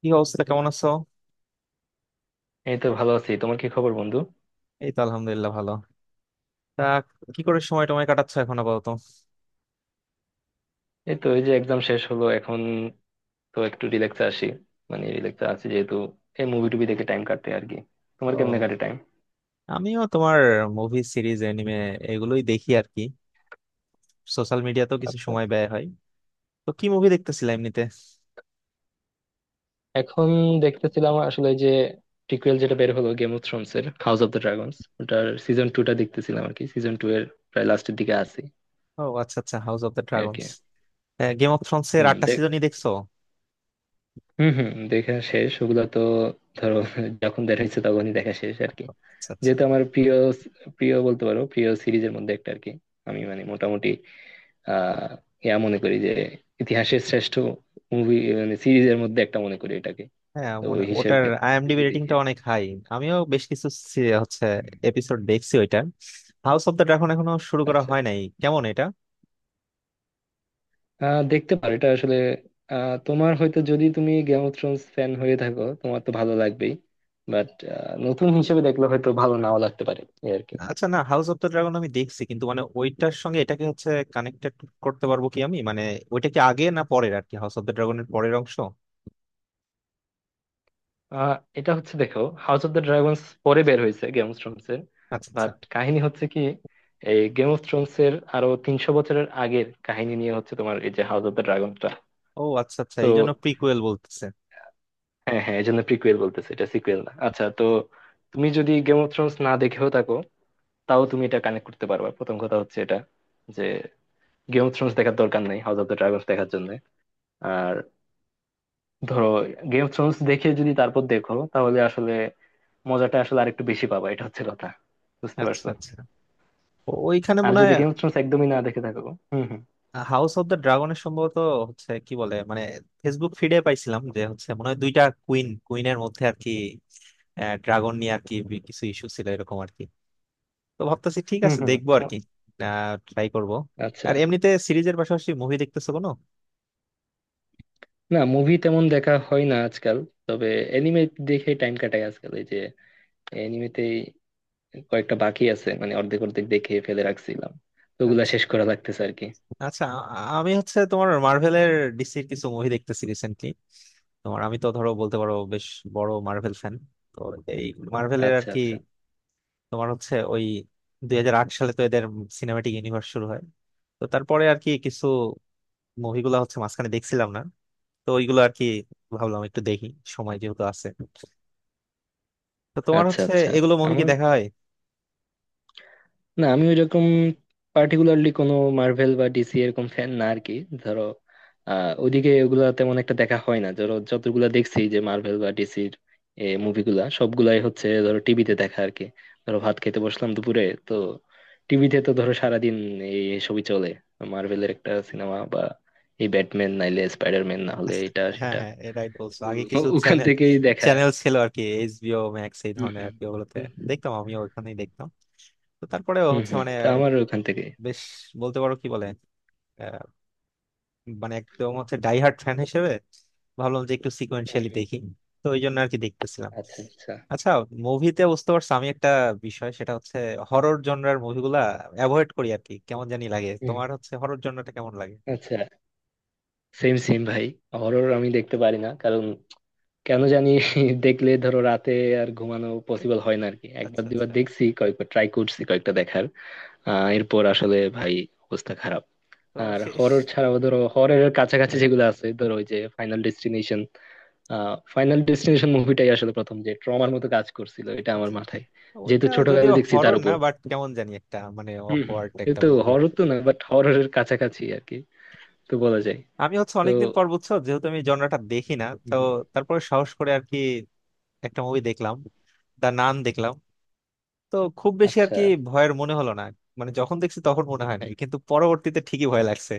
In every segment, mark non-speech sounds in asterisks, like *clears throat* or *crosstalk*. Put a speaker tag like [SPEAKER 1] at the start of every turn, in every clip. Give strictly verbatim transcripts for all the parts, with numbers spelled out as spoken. [SPEAKER 1] কি অবস্থা? কেমন আছো?
[SPEAKER 2] এই তো ভালো আছি। তোমার কি খবর, বন্ধু?
[SPEAKER 1] এই তো আলহামদুলিল্লাহ, ভালো। তা কি করে সময় টময় কাটাচ্ছ এখন আপাতত?
[SPEAKER 2] এই তো এই যে এক্সাম শেষ হলো এখন, তো একটু রিল্যাক্সে আসি। মানে রিল্যাক্সে আছি যেহেতু, এই মুভি টুভি দেখে টাইম কাটতে আর কি। তোমার কেমনে
[SPEAKER 1] ও,
[SPEAKER 2] কাটে টাইম?
[SPEAKER 1] আমিও তোমার মুভি, সিরিজ, এনিমে এগুলোই দেখি আর কি। সোশ্যাল মিডিয়াতেও কিছু
[SPEAKER 2] আচ্ছা।
[SPEAKER 1] সময় ব্যয় হয়। তো কি মুভি দেখতেছিলা এমনিতে?
[SPEAKER 2] এখন দেখতেছিলাম আসলে যে, প্রিকুয়েল যেটা বের হলো, গেম অফ থ্রোনস এর হাউস অফ দ্য ড্রাগনস, ওটার সিজন টু টা দেখতেছিলাম আর কি। সিজন টু এর প্রায় লাস্টের দিকে আছি
[SPEAKER 1] ও আচ্ছা আচ্ছা, হাউস অফ দ্য
[SPEAKER 2] আর কি।
[SPEAKER 1] ড্রাগনস। গেম অফ থ্রোনস এর
[SPEAKER 2] হম
[SPEAKER 1] আটটা
[SPEAKER 2] দেখ
[SPEAKER 1] সিজনই দেখছো?
[SPEAKER 2] হম হম দেখা শেষ ওগুলো তো। ধরো, যখন দেখা হয়েছে তখনই দেখা শেষ আর কি।
[SPEAKER 1] আচ্ছা আচ্ছা।
[SPEAKER 2] যেহেতু আমার প্রিয় প্রিয় বলতে পারো, প্রিয় সিরিজের মধ্যে একটা আর কি। আমি মানে মোটামুটি আহ ইয়া মনে করি যে, ইতিহাসের শ্রেষ্ঠ মুভি মানে সিরিজের মধ্যে একটা মনে করি এটাকে।
[SPEAKER 1] হ্যাঁ,
[SPEAKER 2] তো
[SPEAKER 1] মনে
[SPEAKER 2] ওই
[SPEAKER 1] ওটার
[SPEAKER 2] হিসেবে
[SPEAKER 1] আইএমডিবি
[SPEAKER 2] বেশি দেখি
[SPEAKER 1] রেটিংটা
[SPEAKER 2] আর কি।
[SPEAKER 1] অনেক হাই। আমিও বেশ কিছু সি- হচ্ছে
[SPEAKER 2] হুম।
[SPEAKER 1] এপিসোড দেখছি ওইটার। হাউস অফ দ্য ড্রাগন এখনো শুরু করা
[SPEAKER 2] আচ্ছা।
[SPEAKER 1] হয় নাই, কেমন এটা?
[SPEAKER 2] আহ দেখতে পারো, এটা আসলে আহ তোমার হয়তো, যদি তুমি গেম অফ থ্রোনস ফ্যান হয়ে থাকো তোমার তো ভালো লাগবেই। বাট নতুন হিসেবে দেখলে হয়তো ভালো নাও লাগতে পারে এই আর কি।
[SPEAKER 1] আচ্ছা না, হাউস অফ দ্য ড্রাগন আমি দেখছি, কিন্তু মানে ওইটার সঙ্গে এটাকে হচ্ছে কানেক্টেড করতে পারবো কি আমি, মানে ওইটা কি আগে না পরের আর কি, হাউস অফ দ্য ড্রাগনের পরের অংশ?
[SPEAKER 2] আহ এটা হচ্ছে, দেখো, হাউস অফ দ্য ড্রাগনস পরে বের হয়েছে গেম অফ থ্রোনস এর।
[SPEAKER 1] আচ্ছা আচ্ছা।
[SPEAKER 2] বাট কাহিনী হচ্ছে কি, এই গেম অফ থ্রোনস এর আরো তিনশো বছরের আগের কাহিনী নিয়ে হচ্ছে তোমার এই যে হাউস অফ দ্য ড্রাগনটা।
[SPEAKER 1] ও আচ্ছা আচ্ছা,
[SPEAKER 2] তো
[SPEAKER 1] এই জন্য প্রিকুয়েল বলতেছে।
[SPEAKER 2] হ্যাঁ হ্যাঁ, এই জন্য প্রিকুয়েল বলতেছে, এটা সিকুয়েল না। আচ্ছা, তো তুমি যদি গেম অফ থ্রোনস না দেখেও থাকো, তাও তুমি এটা কানেক্ট করতে পারবা। প্রথম কথা হচ্ছে এটা যে, গেম অফ থ্রোনস দেখার দরকার নেই হাউস অফ দ্য ড্রাগনস দেখার জন্য। আর ধরো, গেম অফ থ্রোনস দেখে যদি তারপর দেখো তাহলে আসলে মজাটা আসলে আরেকটু বেশি পাবা, এটা হচ্ছে কথা। বুঝতে
[SPEAKER 1] আচ্ছা
[SPEAKER 2] পারছো?
[SPEAKER 1] আচ্ছা, ও- ওইখানে
[SPEAKER 2] আর
[SPEAKER 1] মনে
[SPEAKER 2] যদি
[SPEAKER 1] হয়
[SPEAKER 2] গেম অফ থ্রোনস একদমই না দেখে থাকো, হুম
[SPEAKER 1] হাউস অফ দ্য ড্রাগনের সম্ভবত হচ্ছে কি বলে মানে, ফেসবুক ফিডে পাইছিলাম যে হচ্ছে মনে হয় দুইটা কুইন কুইনের মধ্যে আর কি ড্রাগন নিয়ে আর কি বি- কিছু ইস্যু ছিল এরকম আর কি। তো ভাবতেছি ঠিক
[SPEAKER 2] হুম
[SPEAKER 1] আছে,
[SPEAKER 2] হুম।
[SPEAKER 1] দেখবো আর
[SPEAKER 2] হুম।
[SPEAKER 1] কি, ট্রাই করবো।
[SPEAKER 2] আচ্ছা,
[SPEAKER 1] আর এমনিতে সিরিজের পাশাপাশি মুভি দেখতেছো কোনো?
[SPEAKER 2] না, মুভি তেমন দেখা হয় না আজকাল। তবে এনিমে দেখে টাইম কাটাই আজকাল। এই যে এনিমেতেই কয়েকটা বাকি আছে, মানে অর্ধেক অর্ধেক দেখে ফেলে রাখছিলাম, তো ওগুলা
[SPEAKER 1] আচ্ছা
[SPEAKER 2] শেষ করা লাগতেছে আর কি।
[SPEAKER 1] আচ্ছা। আ- আমি হচ্ছে তোমার মার্ভেলের, ডিসির কিছু মুভি দেখতেছি রিসেন্টলি। তোমার আমি তো ধরো বলতে পারো বেশ বড় মার্ভেল ফ্যান। তো এই মার্ভেলের আর
[SPEAKER 2] আচ্ছা
[SPEAKER 1] কি।
[SPEAKER 2] আচ্ছা।
[SPEAKER 1] তোমার হচ্ছে ওই দুই হাজার আট সালে তো এদের সিনেমাটিক ইউনিভার্স শুরু হয়। তো তারপরে আর কি কিছু মুভিগুলা হচ্ছে মাঝখানে দেখছিলাম না, তো ওইগুলো আর কি ভাবলাম একটু দেখি, সময় যেহেতু আছে। তো তোমার
[SPEAKER 2] আচ্ছা
[SPEAKER 1] হচ্ছে
[SPEAKER 2] আচ্ছা।
[SPEAKER 1] এগুলো মুভি কি
[SPEAKER 2] আমার,
[SPEAKER 1] দেখা হয়?
[SPEAKER 2] না, আমি ওইরকম পার্টিকুলারলি কোনো মার্ভেল বা ডিসি এরকম ফ্যান না আর কি। ধরো আহ ওইদিকে ওগুলা তেমন একটা দেখা হয় না। ধরো যতগুলা দেখছি, যে মার্ভেল বা ডিসির মুভিগুলা, সবগুলাই হচ্ছে ধরো টিভিতে দেখা আর কি। ধরো ভাত খেতে বসলাম দুপুরে, তো টিভিতে তো ধরো সারাদিন এই সবই চলে, মার্ভেলের একটা সিনেমা বা এই ব্যাটম্যান নাইলে স্পাইডারম্যান না হলে এটা
[SPEAKER 1] হ্যাঁ
[SPEAKER 2] সেটা।
[SPEAKER 1] হ্যাঁ, এটাই বলছো,
[SPEAKER 2] হুম,
[SPEAKER 1] আগে কিছু
[SPEAKER 2] ও- ওখান
[SPEAKER 1] চ্যানেল
[SPEAKER 2] থেকেই দেখা।
[SPEAKER 1] চ্যানেল ছিল আর কি, এইচবিও ম্যাক্স এই
[SPEAKER 2] হুম,
[SPEAKER 1] ধরনের আর
[SPEAKER 2] হুম।
[SPEAKER 1] কি, ওগুলোতে
[SPEAKER 2] হুম
[SPEAKER 1] দেখতাম। আমিও ওখানেই দেখতাম। তো তারপরেও
[SPEAKER 2] হুম
[SPEAKER 1] হচ্ছে
[SPEAKER 2] হুম,
[SPEAKER 1] মানে
[SPEAKER 2] তো আমার ওখান থেকে।
[SPEAKER 1] বেশ বলতে পারো কি বলে, আহ, মানে একদম হচ্ছে ডাইহার্ট ফ্যান হিসেবে ভাবলাম যে একটু
[SPEAKER 2] হুম
[SPEAKER 1] সিকোয়েন্সিয়ালি
[SPEAKER 2] হুম।
[SPEAKER 1] দেখি। তো ওই জন্য আর কি দেখতেছিলাম।
[SPEAKER 2] আচ্ছা আচ্ছা।
[SPEAKER 1] আচ্ছা, মুভিতে বুঝতে পারছো আমি একটা বিষয় সেটা হচ্ছে হরর জনরার মুভিগুলা অ্যাভয়েড করি আর কি, কেমন জানি লাগে। তোমার হচ্ছে হরর জনরাটা কেমন লাগে?
[SPEAKER 2] আচ্ছা, সেম সেম ভাই। হরর আমি দেখতে পারি না, কারণ কেন জানি *laughs* দেখলে ধরো রাতে আর ঘুমানো পসিবল হয় না আরকি। একবার
[SPEAKER 1] আচ্ছা
[SPEAKER 2] দুবার
[SPEAKER 1] আচ্ছা,
[SPEAKER 2] দেখছি, কয়েকবার ট্রাই করছি কয়েকটা দেখার। আহ এরপর আসলে ভাই অবস্থা খারাপ।
[SPEAKER 1] তো
[SPEAKER 2] আর
[SPEAKER 1] শেষ।
[SPEAKER 2] হরর ছাড়াও ধরো, হররের কাছাকাছি যেগুলো আছে, ধরো ওই যে ফাইনাল ডেস্টিনেশন, আহ ফাইনাল ডেস্টিনেশন মুভিটাই আসলে প্রথম যে ট্রমার মতো কাজ করছিল এটা আমার
[SPEAKER 1] আচ্ছা,
[SPEAKER 2] মাথায়, যেহেতু
[SPEAKER 1] ওইটা
[SPEAKER 2] ছোটকালে
[SPEAKER 1] যদিও
[SPEAKER 2] দেখছি তার
[SPEAKER 1] হরর না
[SPEAKER 2] উপর।
[SPEAKER 1] বাট কেমন জানি একটা মানে
[SPEAKER 2] হম হম।
[SPEAKER 1] অকওয়ার্ড একটা
[SPEAKER 2] কিন্তু
[SPEAKER 1] মুভি।
[SPEAKER 2] হরর তো না, বাট হররের কাছাকাছি আর কি, তো বলা যায়।
[SPEAKER 1] আমি হচ্ছে
[SPEAKER 2] তো
[SPEAKER 1] অনেকদিন পর, বুঝছো, যেহেতু আমি জনরাটা দেখি না, তো
[SPEAKER 2] হুম।
[SPEAKER 1] তারপরে সাহস করে আর কি একটা মুভি দেখলাম, দা নান দেখলাম। তো খুব বেশি আর
[SPEAKER 2] আচ্ছা
[SPEAKER 1] কি ভয়ের মনে হলো না। মানে যখন দেখছি তখন মনে হয় নাই, কিন্তু পরবর্তীতে ঠিকই ভয় লাগছে।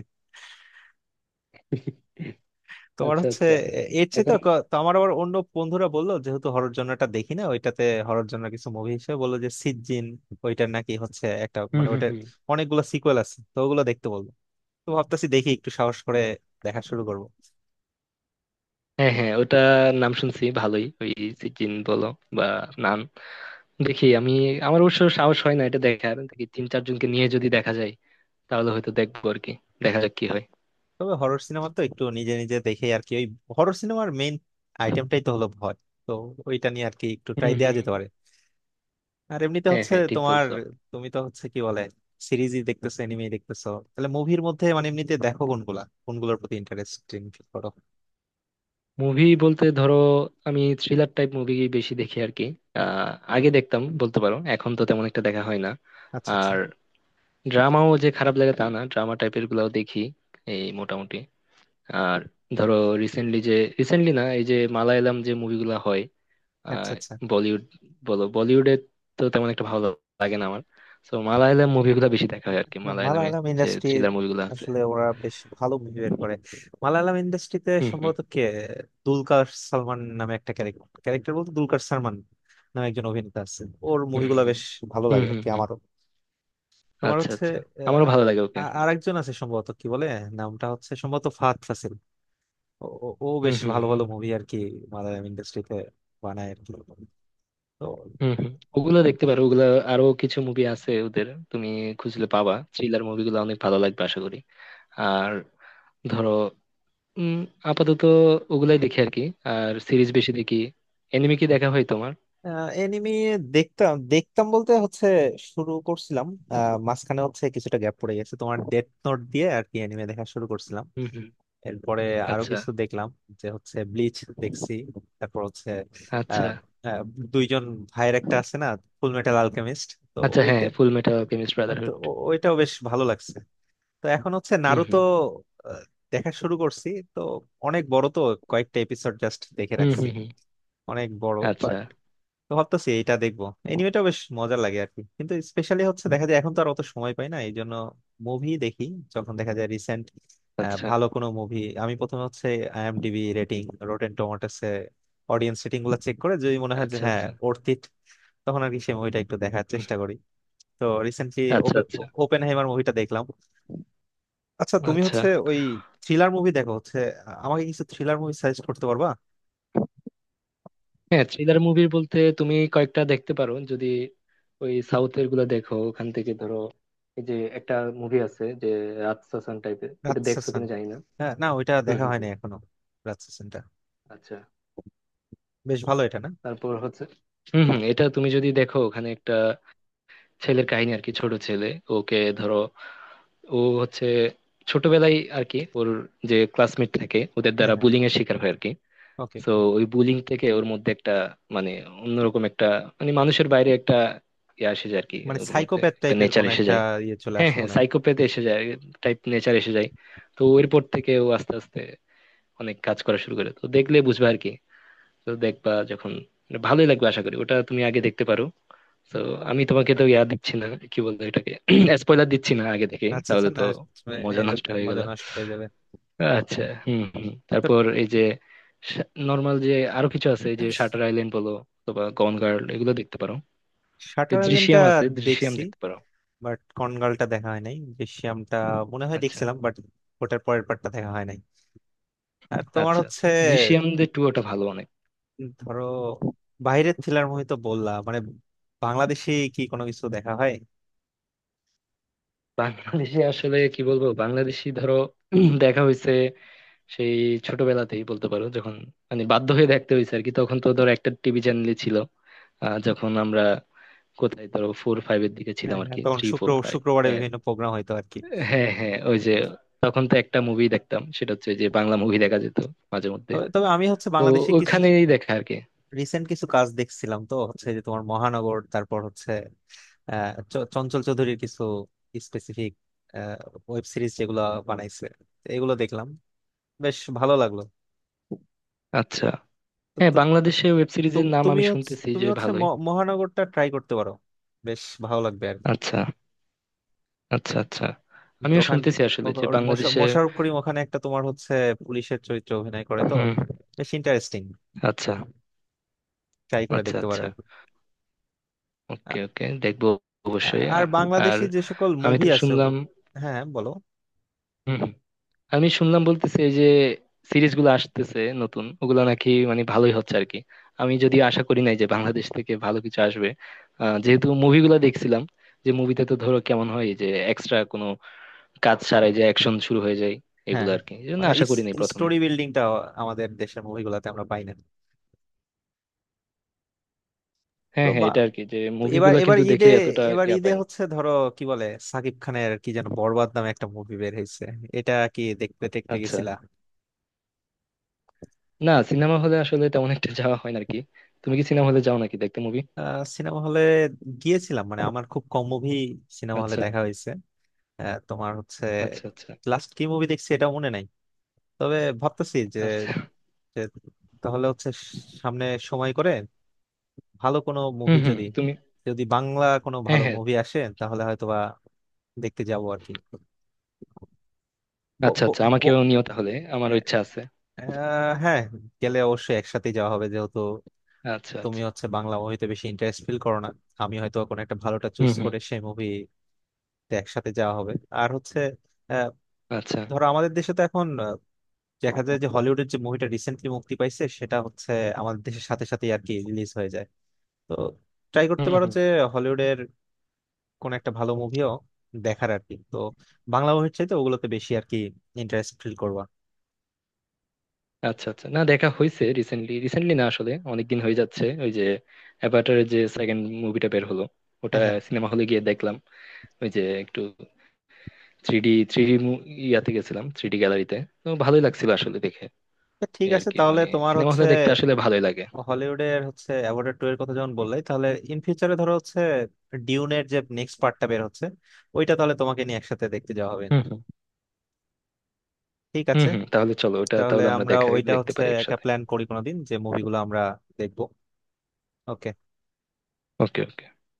[SPEAKER 1] তোমার
[SPEAKER 2] আচ্ছা।
[SPEAKER 1] হচ্ছে
[SPEAKER 2] আচ্ছা।
[SPEAKER 1] এ- এর চেয়ে তো
[SPEAKER 2] এখন
[SPEAKER 1] ক- তো আমার আবার অন্য বন্ধুরা বললো, যেহেতু হরর জনরাটা দেখি না ওইটাতে হরর জনরা কিছু মুভি হিসেবে বললো যে সিজিন, ওইটার নাকি হচ্ছে একটা
[SPEAKER 2] হুম
[SPEAKER 1] মানে
[SPEAKER 2] হুম
[SPEAKER 1] ওইটার
[SPEAKER 2] হুম।
[SPEAKER 1] অনেকগুলো সিকুয়েল আছে, তো ওগুলো দেখতে বললো। তো ভাবতেছি দেখি একটু সাহস করে দেখা শুরু করব।
[SPEAKER 2] হ্যাঁ হ্যাঁ, ওটা নাম শুনছি ভালোই। ওই চিকেন বলো বা নান, দেখি আমি। আমার অবশ্য সাহস হয় না এটা দেখার। দেখি তিন চারজনকে নিয়ে যদি দেখা যায়, তাহলে হয়তো দেখবো আর কি। দেখা যাক কি হয়।
[SPEAKER 1] তবে হরর সিনেমা তো একটু নিজে নিজে দেখে আর কি, ওই হরর সিনেমার মেইন আইটেমটাই তো হলো ভয়। তো ওইটা নিয়ে আর কি একটু
[SPEAKER 2] হুম
[SPEAKER 1] ট্রাই দেওয়া
[SPEAKER 2] হুম।
[SPEAKER 1] যেতে পারে। আর এমনিতে
[SPEAKER 2] হ্যাঁ
[SPEAKER 1] হচ্ছে
[SPEAKER 2] হ্যাঁ, ঠিক
[SPEAKER 1] তোমার,
[SPEAKER 2] বলছো।
[SPEAKER 1] তুমি তো হচ্ছে কি বলে সিরিজই দেখতেছো, এনিমে দেখতেছো, তাহলে মুভির মধ্যে মানে এমনিতে দেখো কোনগুলা কোনগুলোর প্রতি ইন্টারেস্টিং ফিল করো?
[SPEAKER 2] মুভি বলতে ধরো, আমি থ্রিলার টাইপ মুভি বেশি দেখি আর কি। আহ আগে দেখতাম বলতে পারো, এখন তো তেমন একটা দেখা হয় না।
[SPEAKER 1] আচ্ছা আচ্ছা।
[SPEAKER 2] আর ড্রামাও যে খারাপ লাগে তা না, ড্রামা টাইপের গুলাও দেখি এই মোটামুটি। আর ধরো রিসেন্টলি যে রিসেন্টলি না এই যে মালায়ালাম যে মুভিগুলো হয়,
[SPEAKER 1] আচ্ছা
[SPEAKER 2] আহ,
[SPEAKER 1] আচ্ছা,
[SPEAKER 2] বলিউড বলো, বলিউডে তো তেমন একটা ভালো লাগে না আমার। তো মালায়ালাম মুভিগুলো বেশি দেখা হয় আর কি, মালায়ালামে
[SPEAKER 1] মালায়ালাম
[SPEAKER 2] যে
[SPEAKER 1] ইন্ডাস্ট্রি
[SPEAKER 2] থ্রিলার মুভিগুলো আছে।
[SPEAKER 1] আসলে ওরা বেশ ভালো মুভি বের করে। মালায়ালাম ইন্ডাস্ট্রিতে
[SPEAKER 2] হুম হুম
[SPEAKER 1] সম্ভবত কে, দুলকার সালমান নামে একটা ক্যারেক্টার, ক্যারেক্টার বলতে দুলকার সালমান নামে একজন অভিনেতা আছে। ওর
[SPEAKER 2] হুম। হুম
[SPEAKER 1] মুভিগুলো
[SPEAKER 2] হুম
[SPEAKER 1] বেশ ভালো
[SPEAKER 2] হুম
[SPEAKER 1] লাগে আর
[SPEAKER 2] হুম।
[SPEAKER 1] কি
[SPEAKER 2] হুম।
[SPEAKER 1] আমারও। তোমার
[SPEAKER 2] আচ্ছা
[SPEAKER 1] হচ্ছে
[SPEAKER 2] আচ্ছা, আমারও ভালো লাগে
[SPEAKER 1] আহ,
[SPEAKER 2] ওকে।
[SPEAKER 1] আ- আরেকজন আছে সম্ভবত কি বলে, নামটা হচ্ছে সম্ভবত ফাহাদ ফাসিল। ও ও- ও
[SPEAKER 2] হুম
[SPEAKER 1] বেশ
[SPEAKER 2] হুম
[SPEAKER 1] ভালো
[SPEAKER 2] হুম।
[SPEAKER 1] ভালো মুভি আর কি মালায়ালাম ইন্ডাস্ট্রিতে বানায় আর কি। তো
[SPEAKER 2] হুম হুম। ওগুলো দেখতে পারো, ওগুলো আরো কিছু মুভি আছে ওদের। তুমি খুঁজলে পাবা, থ্রিলার মুভিগুলো অনেক ভালো লাগবে আশা করি। আর ধরো উম আপাতত ওগুলাই দেখি আর কি। আর সিরিজ বেশি দেখি। এনিমে কি দেখা হয় তোমার?
[SPEAKER 1] এনিমি, দেখতাম দেখতাম বলতে হচ্ছে শুরু করছিলাম। আহ, মাঝখানে হচ্ছে কিছুটা গ্যাপ পড়ে গেছে। তোমার ডেথ নোট দিয়ে আর কি এনিমে দেখা শুরু করছিলাম।
[SPEAKER 2] হুম হুম।
[SPEAKER 1] এরপরে আরো
[SPEAKER 2] আচ্ছা
[SPEAKER 1] কিছু দেখলাম, যে হচ্ছে ব্লিচ দেখছি। তারপর হচ্ছে
[SPEAKER 2] আচ্ছা।
[SPEAKER 1] আহ, আহ, দুইজন ভাইয়ের একটা আছে না, ফুল মেটাল আলকেমিস্ট, তো
[SPEAKER 2] আচ্ছা হ্যাঁ,
[SPEAKER 1] ওইটা,
[SPEAKER 2] ফুল মেটাল অ্যালকেমিস্ট
[SPEAKER 1] তো
[SPEAKER 2] ব্রাদারহুড।
[SPEAKER 1] ও- ওইটাও বেশ ভালো লাগছে। তো এখন হচ্ছে
[SPEAKER 2] হুম
[SPEAKER 1] নারুতো
[SPEAKER 2] হুম
[SPEAKER 1] আহ, দেখা শুরু করছি। তো অনেক বড় তো, কয়েকটা এপিসোড জাস্ট দেখে
[SPEAKER 2] হুম।
[SPEAKER 1] রাখছি।
[SPEAKER 2] হুম হুম।
[SPEAKER 1] অনেক বড়
[SPEAKER 2] আচ্ছা
[SPEAKER 1] বাট, তো ভাবতেছি এটা দেখবো। এনিমেটা বেশ মজা লাগে আর কি, কিন্তু স্পেশালি হচ্ছে দেখা যায়, এখন তো আর অত সময় পাই না এই জন্য মুভি দেখি যখন দেখা যায়। রিসেন্ট
[SPEAKER 2] আচ্ছা।
[SPEAKER 1] ভালো কোনো মুভি, আমি প্রথমে হচ্ছে আইএমডিবি রেটিং, রোটেন টমেটোস এ অডিয়েন্স রেটিং গুলো চেক করে যদি মনে হয় যে
[SPEAKER 2] আচ্ছা
[SPEAKER 1] হ্যাঁ
[SPEAKER 2] আচ্ছা।
[SPEAKER 1] ওর্থ ইট, তখন আর কি সেই মুভিটা একটু দেখার
[SPEAKER 2] হুম
[SPEAKER 1] চেষ্টা
[SPEAKER 2] হুম।
[SPEAKER 1] করি। তো রিসেন্টলি
[SPEAKER 2] আচ্ছা আচ্ছা।
[SPEAKER 1] ওপেন হাইমার মুভিটা দেখলাম। আচ্ছা, তুমি
[SPEAKER 2] আচ্ছা
[SPEAKER 1] হচ্ছে ওই থ্রিলার মুভি দেখো হচ্ছে, আ- আমাকে কিছু থ্রিলার মুভি সাজেস্ট করতে পারবা?
[SPEAKER 2] হ্যাঁ, থ্রিলার মুভি বলতে তুমি কয়েকটা দেখতে পারো যদি। ওই সাউথের গুলো দেখো, ওখান থেকে ধরো এই যে একটা মুভি আছে যে রাতসাসান টাইপের, ওটা দেখছো
[SPEAKER 1] রাতসাসান,
[SPEAKER 2] কিনা জানি না।
[SPEAKER 1] হ্যাঁ না ওইটা
[SPEAKER 2] হুম
[SPEAKER 1] দেখা
[SPEAKER 2] হুম
[SPEAKER 1] হয়নি
[SPEAKER 2] হুম।
[SPEAKER 1] এখনো। রাতসাসানটা
[SPEAKER 2] আচ্ছা।
[SPEAKER 1] বেশ ভালো এটা না?
[SPEAKER 2] তারপর হচ্ছে হম হম, এটা তুমি যদি দেখো, ওখানে একটা ছেলের কাহিনী আর কি, ছোট ছেলে। ওকে ধরো, ও হচ্ছে ছোটবেলায় আর কি, ওর যে ক্লাসমেট থাকে ওদের
[SPEAKER 1] হ্যাঁ
[SPEAKER 2] দ্বারা
[SPEAKER 1] হ্যাঁ,
[SPEAKER 2] বুলিং এর শিকার হয় আর কি।
[SPEAKER 1] ওকে।
[SPEAKER 2] তো ওই বুলিং থেকে ওর মধ্যে একটা মানে অন্যরকম একটা, মানে মানুষের বাইরে একটা ইয়ে এসে যায় আর কি,
[SPEAKER 1] মানে
[SPEAKER 2] ওর মধ্যে
[SPEAKER 1] সাইকোপ্যাথ
[SPEAKER 2] একটা
[SPEAKER 1] টাইপের
[SPEAKER 2] নেচার
[SPEAKER 1] কোন
[SPEAKER 2] এসে
[SPEAKER 1] একটা
[SPEAKER 2] যায়।
[SPEAKER 1] ইয়ে চলে
[SPEAKER 2] হ্যাঁ
[SPEAKER 1] আসে
[SPEAKER 2] হ্যাঁ,
[SPEAKER 1] মনে হয়।
[SPEAKER 2] সাইকোপ্যাথ এসে যায় টাইপ নেচার এসে যায়। তো এরপর থেকে ও আস্তে আস্তে অনেক কাজ করা শুরু করে, তো দেখলে বুঝবে আর কি। তো দেখবা যখন, মানে ভালোই লাগবে আশা করি। ওটা তুমি আগে দেখতে পারো। তো আমি তোমাকে তো ইয়া দিচ্ছি না, কি বলবো এটাকে, স্পয়লার *clears throat* দিচ্ছি না আগে থেকে, তাহলে
[SPEAKER 1] রাতসাসান
[SPEAKER 2] তো
[SPEAKER 1] না, এ,
[SPEAKER 2] মজা নষ্ট হয়ে গেল।
[SPEAKER 1] মজা নষ্ট হয়ে যাবে।
[SPEAKER 2] আচ্ছা হম হম।
[SPEAKER 1] তো
[SPEAKER 2] তারপর এই যে নর্মাল যে আরো কিছু আছে, এই যে শাটার আইল্যান্ড বলো অথবা গন গার্ল, এগুলো দেখতে পারো। এই
[SPEAKER 1] শাটার আইল্যান্ডটা
[SPEAKER 2] দৃশ্যাম আছে, দৃশ্যাম
[SPEAKER 1] দেখছি,
[SPEAKER 2] দেখতে পারো।
[SPEAKER 1] বাট কনগালটা দেখা হয় নাই, দৃশ্যমটা মনে হয়
[SPEAKER 2] আচ্ছা
[SPEAKER 1] দেখছিলাম বাট ওটার পরের পার্টটা দেখা হয় নাই। আর তোমার
[SPEAKER 2] আচ্ছা।
[SPEAKER 1] হচ্ছে
[SPEAKER 2] আচ্ছা, দৃশ্যাম যে টু ওটা ভালো অনেক।
[SPEAKER 1] ধরো বাইরের থ্রিলার মুভি তো বললা, মানে বাংলাদেশে কি কোনো কিছু দেখা হয়?
[SPEAKER 2] বাংলাদেশে আসলে কি বলবো, বাংলাদেশি ধরো *clears throat* দেখা হয়েছে সেই ছোটবেলাতেই বলতে পারো, যখন মানে বাধ্য হয়ে দেখতে হয়েছে আর কি। তখন তো ধরো একটা টিভি চ্যানেলই ছিল। আহ, যখন আমরা কোথায় ধরো ফোর ফাইভ এর দিকে
[SPEAKER 1] হ্যাঁ
[SPEAKER 2] ছিলাম আর
[SPEAKER 1] হ্যাঁ,
[SPEAKER 2] কি,
[SPEAKER 1] তখন
[SPEAKER 2] থ্রি
[SPEAKER 1] শুক্র
[SPEAKER 2] ফোর ফাইভ।
[SPEAKER 1] শুক্রবারে
[SPEAKER 2] হ্যাঁ।
[SPEAKER 1] বিভিন্ন প্রোগ্রাম হইতো আর কি।
[SPEAKER 2] হ্যাঁ হ্যাঁ, ওই যে তখন তো একটা মুভি দেখতাম, সেটা হচ্ছে যে বাংলা মুভি দেখা যেত মাঝে মধ্যে।
[SPEAKER 1] তবে তবে আমি হচ্ছে
[SPEAKER 2] তো
[SPEAKER 1] বাংলাদেশে কিছু
[SPEAKER 2] ওখানেই দেখা আর কি।
[SPEAKER 1] রিসেন্ট কিছু কাজ দেখছিলাম, তো হচ্ছে যে তোমার মহানগর, তারপর হচ্ছে আহ চ- চঞ্চল চৌধুরীর কিছু স্পেসিফিক ওয়েব সিরিজ যেগুলো বানাইছে, তো এগুলো দেখলাম, বেশ ভালো লাগলো।
[SPEAKER 2] আচ্ছা
[SPEAKER 1] তো
[SPEAKER 2] হ্যাঁ,
[SPEAKER 1] তো-
[SPEAKER 2] বাংলাদেশে ওয়েব সিরিজের
[SPEAKER 1] তু-
[SPEAKER 2] নাম
[SPEAKER 1] তুমি
[SPEAKER 2] আমি
[SPEAKER 1] হচ্ছে
[SPEAKER 2] শুনতেছি
[SPEAKER 1] তুমি
[SPEAKER 2] যে
[SPEAKER 1] হচ্ছে
[SPEAKER 2] ভালোই।
[SPEAKER 1] ম- মহানগরটা ট্রাই করতে পারো, বেশ ভালো লাগবে আর কি।
[SPEAKER 2] আচ্ছা আচ্ছা। আচ্ছা,
[SPEAKER 1] তো
[SPEAKER 2] আমিও
[SPEAKER 1] ওখানে
[SPEAKER 2] শুনতেছি আসলে
[SPEAKER 1] ওখা-
[SPEAKER 2] যে
[SPEAKER 1] ওর মোশা-
[SPEAKER 2] বাংলাদেশে।
[SPEAKER 1] মোশাররফ করিম ওখানে একটা তোমার হচ্ছে পুলিশের চরিত্রে অভিনয় করে, তো
[SPEAKER 2] হুম।
[SPEAKER 1] বেশ ইন্টারেস্টিং,
[SPEAKER 2] আচ্ছা
[SPEAKER 1] ট্রাই করে
[SPEAKER 2] আচ্ছা।
[SPEAKER 1] দেখতে পারো
[SPEAKER 2] আচ্ছা,
[SPEAKER 1] আর কি। আ-
[SPEAKER 2] ওকে ওকে দেখবো
[SPEAKER 1] আ-
[SPEAKER 2] অবশ্যই।
[SPEAKER 1] আর
[SPEAKER 2] আ- আর
[SPEAKER 1] বাংলাদেশে যে সকল
[SPEAKER 2] আমি
[SPEAKER 1] মুভি
[SPEAKER 2] তো
[SPEAKER 1] আছে
[SPEAKER 2] শুনলাম।
[SPEAKER 1] ও- হ্যাঁ হ্যাঁ, বলো।
[SPEAKER 2] হুম, হুম। আমি শুনলাম, বলতেছে এই যে সিরিজগুলো আসতেছে নতুন, ওগুলো নাকি মানে ভালোই হচ্ছে আর কি। আমি যদিও আশা করি নাই যে বাংলাদেশ থেকে ভালো কিছু আসবে, আহ, যেহেতু মুভিগুলো দেখছিলাম, যে মুভিতে তো ধরো কেমন হয়, যে এক্সট্রা কোনো কাজ ছাড়াই যে অ্যাকশন শুরু হয়ে যায়,
[SPEAKER 1] হ্যাঁ
[SPEAKER 2] এগুলো
[SPEAKER 1] হ্যাঁ,
[SPEAKER 2] আর কি। এই জন্য
[SPEAKER 1] মানে
[SPEAKER 2] আশা করি নাই প্রথমে।
[SPEAKER 1] স্টোরি বিল্ডিংটা আমাদের দেশের মুভিগুলোতে আমরা পাই না। তো
[SPEAKER 2] হ্যাঁ হ্যাঁ,
[SPEAKER 1] বা,
[SPEAKER 2] এটা আর কি, যে
[SPEAKER 1] এবার
[SPEAKER 2] মুভিগুলো
[SPEAKER 1] এবার
[SPEAKER 2] কিন্তু
[SPEAKER 1] ঈদে
[SPEAKER 2] দেখে এতটা
[SPEAKER 1] এবার
[SPEAKER 2] ইয়া
[SPEAKER 1] ঈদে
[SPEAKER 2] পাই না।
[SPEAKER 1] হচ্ছে ধরো কি বলে, সাকিব খানের কি যেন বরবাদ নামে একটা মুভি বের হয়েছে, এটা কি দেখতে দেখতে
[SPEAKER 2] আচ্ছা
[SPEAKER 1] গেছিলা?
[SPEAKER 2] না, সিনেমা হলে আসলে তেমন একটা যাওয়া হয় না আর কি। তুমি কি সিনেমা হলে যাও নাকি দেখতে মুভি?
[SPEAKER 1] আহ, সিনেমা হলে গিয়েছিলাম মানে আমার খুব কম মুভি সিনেমা হলে
[SPEAKER 2] আচ্ছা
[SPEAKER 1] দেখা হয়েছে। আহ, তোমার হচ্ছে
[SPEAKER 2] আচ্ছা। আচ্ছা
[SPEAKER 1] লাস্ট কি মুভি দেখছি এটা মনে নাই। তবে ভাবতেছি যে,
[SPEAKER 2] আচ্ছা।
[SPEAKER 1] যে তাহলে হচ্ছে সামনে সময় করে ভালো কোনো মুভি
[SPEAKER 2] হুম হুম,
[SPEAKER 1] যদি,
[SPEAKER 2] তুমি,
[SPEAKER 1] যদি বাংলা কোনো
[SPEAKER 2] হ্যাঁ
[SPEAKER 1] ভালো
[SPEAKER 2] হ্যাঁ।
[SPEAKER 1] মুভি আসে তাহলে হয়তোবা দেখতে যাবো আর কি। ব-
[SPEAKER 2] আচ্ছা
[SPEAKER 1] ব-
[SPEAKER 2] আচ্ছা,
[SPEAKER 1] ব-
[SPEAKER 2] আমাকেও নিও তাহলে, আমার ইচ্ছা আছে।
[SPEAKER 1] আহ, হ্যাঁ, গেলে অবশ্যই একসাথে যাওয়া হবে যেহেতু
[SPEAKER 2] আচ্ছা
[SPEAKER 1] তুমি
[SPEAKER 2] আচ্ছা।
[SPEAKER 1] হচ্ছে বাংলা মুভিতে বেশি ইন্টারেস্ট ফিল করো না, আমি হয়তো কোনো একটা ভালোটা
[SPEAKER 2] হুম
[SPEAKER 1] চুজ
[SPEAKER 2] হুম।
[SPEAKER 1] করে সেই মুভিতে একসাথে যাওয়া হবে। আর হচ্ছে আহ,
[SPEAKER 2] আচ্ছা।
[SPEAKER 1] ধরো আমাদের দেশে তো এখন দেখা যায় যে হলিউডের যে মুভিটা রিসেন্টলি মুক্তি পাইছে সেটা হচ্ছে আমাদের দেশের সাথে সাথে আর কি রিলিজ হয়ে যায়। তো ট্রাই করতে
[SPEAKER 2] হুম
[SPEAKER 1] পারো
[SPEAKER 2] হুম।
[SPEAKER 1] যে হলিউডের কোন একটা ভালো মুভিও দেখার আর কি। তো বাংলা মুভির চাইতে ওগুলোতে বেশি আর কি ইন্টারেস্ট ফিল করবা।
[SPEAKER 2] আচ্ছা আচ্ছা, না, দেখা হয়েছে রিসেন্টলি, রিসেন্টলি না আসলে অনেকদিন হয়ে যাচ্ছে, ওই যে অ্যাভাটারের যে সেকেন্ড মুভিটা বের হলো ওটা
[SPEAKER 1] হ্যাঁ হ্যাঁ,
[SPEAKER 2] সিনেমা হলে গিয়ে দেখলাম। ওই যে একটু থ্রি ডি, থ্রি ডি ইয়াতে গেছিলাম, থ্রি ডি গ্যালারিতে। তো ভালোই লাগছিল আসলে দেখে।
[SPEAKER 1] তো ঠিক
[SPEAKER 2] এই আর
[SPEAKER 1] আছে
[SPEAKER 2] কি
[SPEAKER 1] তাহলে
[SPEAKER 2] মানে,
[SPEAKER 1] তোমার
[SPEAKER 2] সিনেমা
[SPEAKER 1] হচ্ছে
[SPEAKER 2] হলে দেখতে আসলে ভালোই লাগে।
[SPEAKER 1] হলিউডের হচ্ছে অ্যাভয়েড টু এর কথা যখন বললেই তাহলে ইন ফিউচারে ধরো হচ্ছে ডিউনের যে নেক্সট পার্টটা বের হচ্ছে ওইটা তাহলে তোমাকে নিয়ে একসাথে দেখতে যাওয়া হবে।
[SPEAKER 2] হুম হুম।
[SPEAKER 1] ঠিক
[SPEAKER 2] হুম
[SPEAKER 1] আছে,
[SPEAKER 2] হুম, তাহলে চলো ওটা
[SPEAKER 1] তাহলে
[SPEAKER 2] তাহলে আমরা
[SPEAKER 1] আমরা
[SPEAKER 2] দেখা,
[SPEAKER 1] ওইটা
[SPEAKER 2] দেখতে
[SPEAKER 1] হচ্ছে
[SPEAKER 2] পারি
[SPEAKER 1] একটা
[SPEAKER 2] একসাথে।
[SPEAKER 1] প্ল্যান করি কোনোদিন যে মুভিগুলো আমরা দেখবো। ওকে।
[SPEAKER 2] ওকে।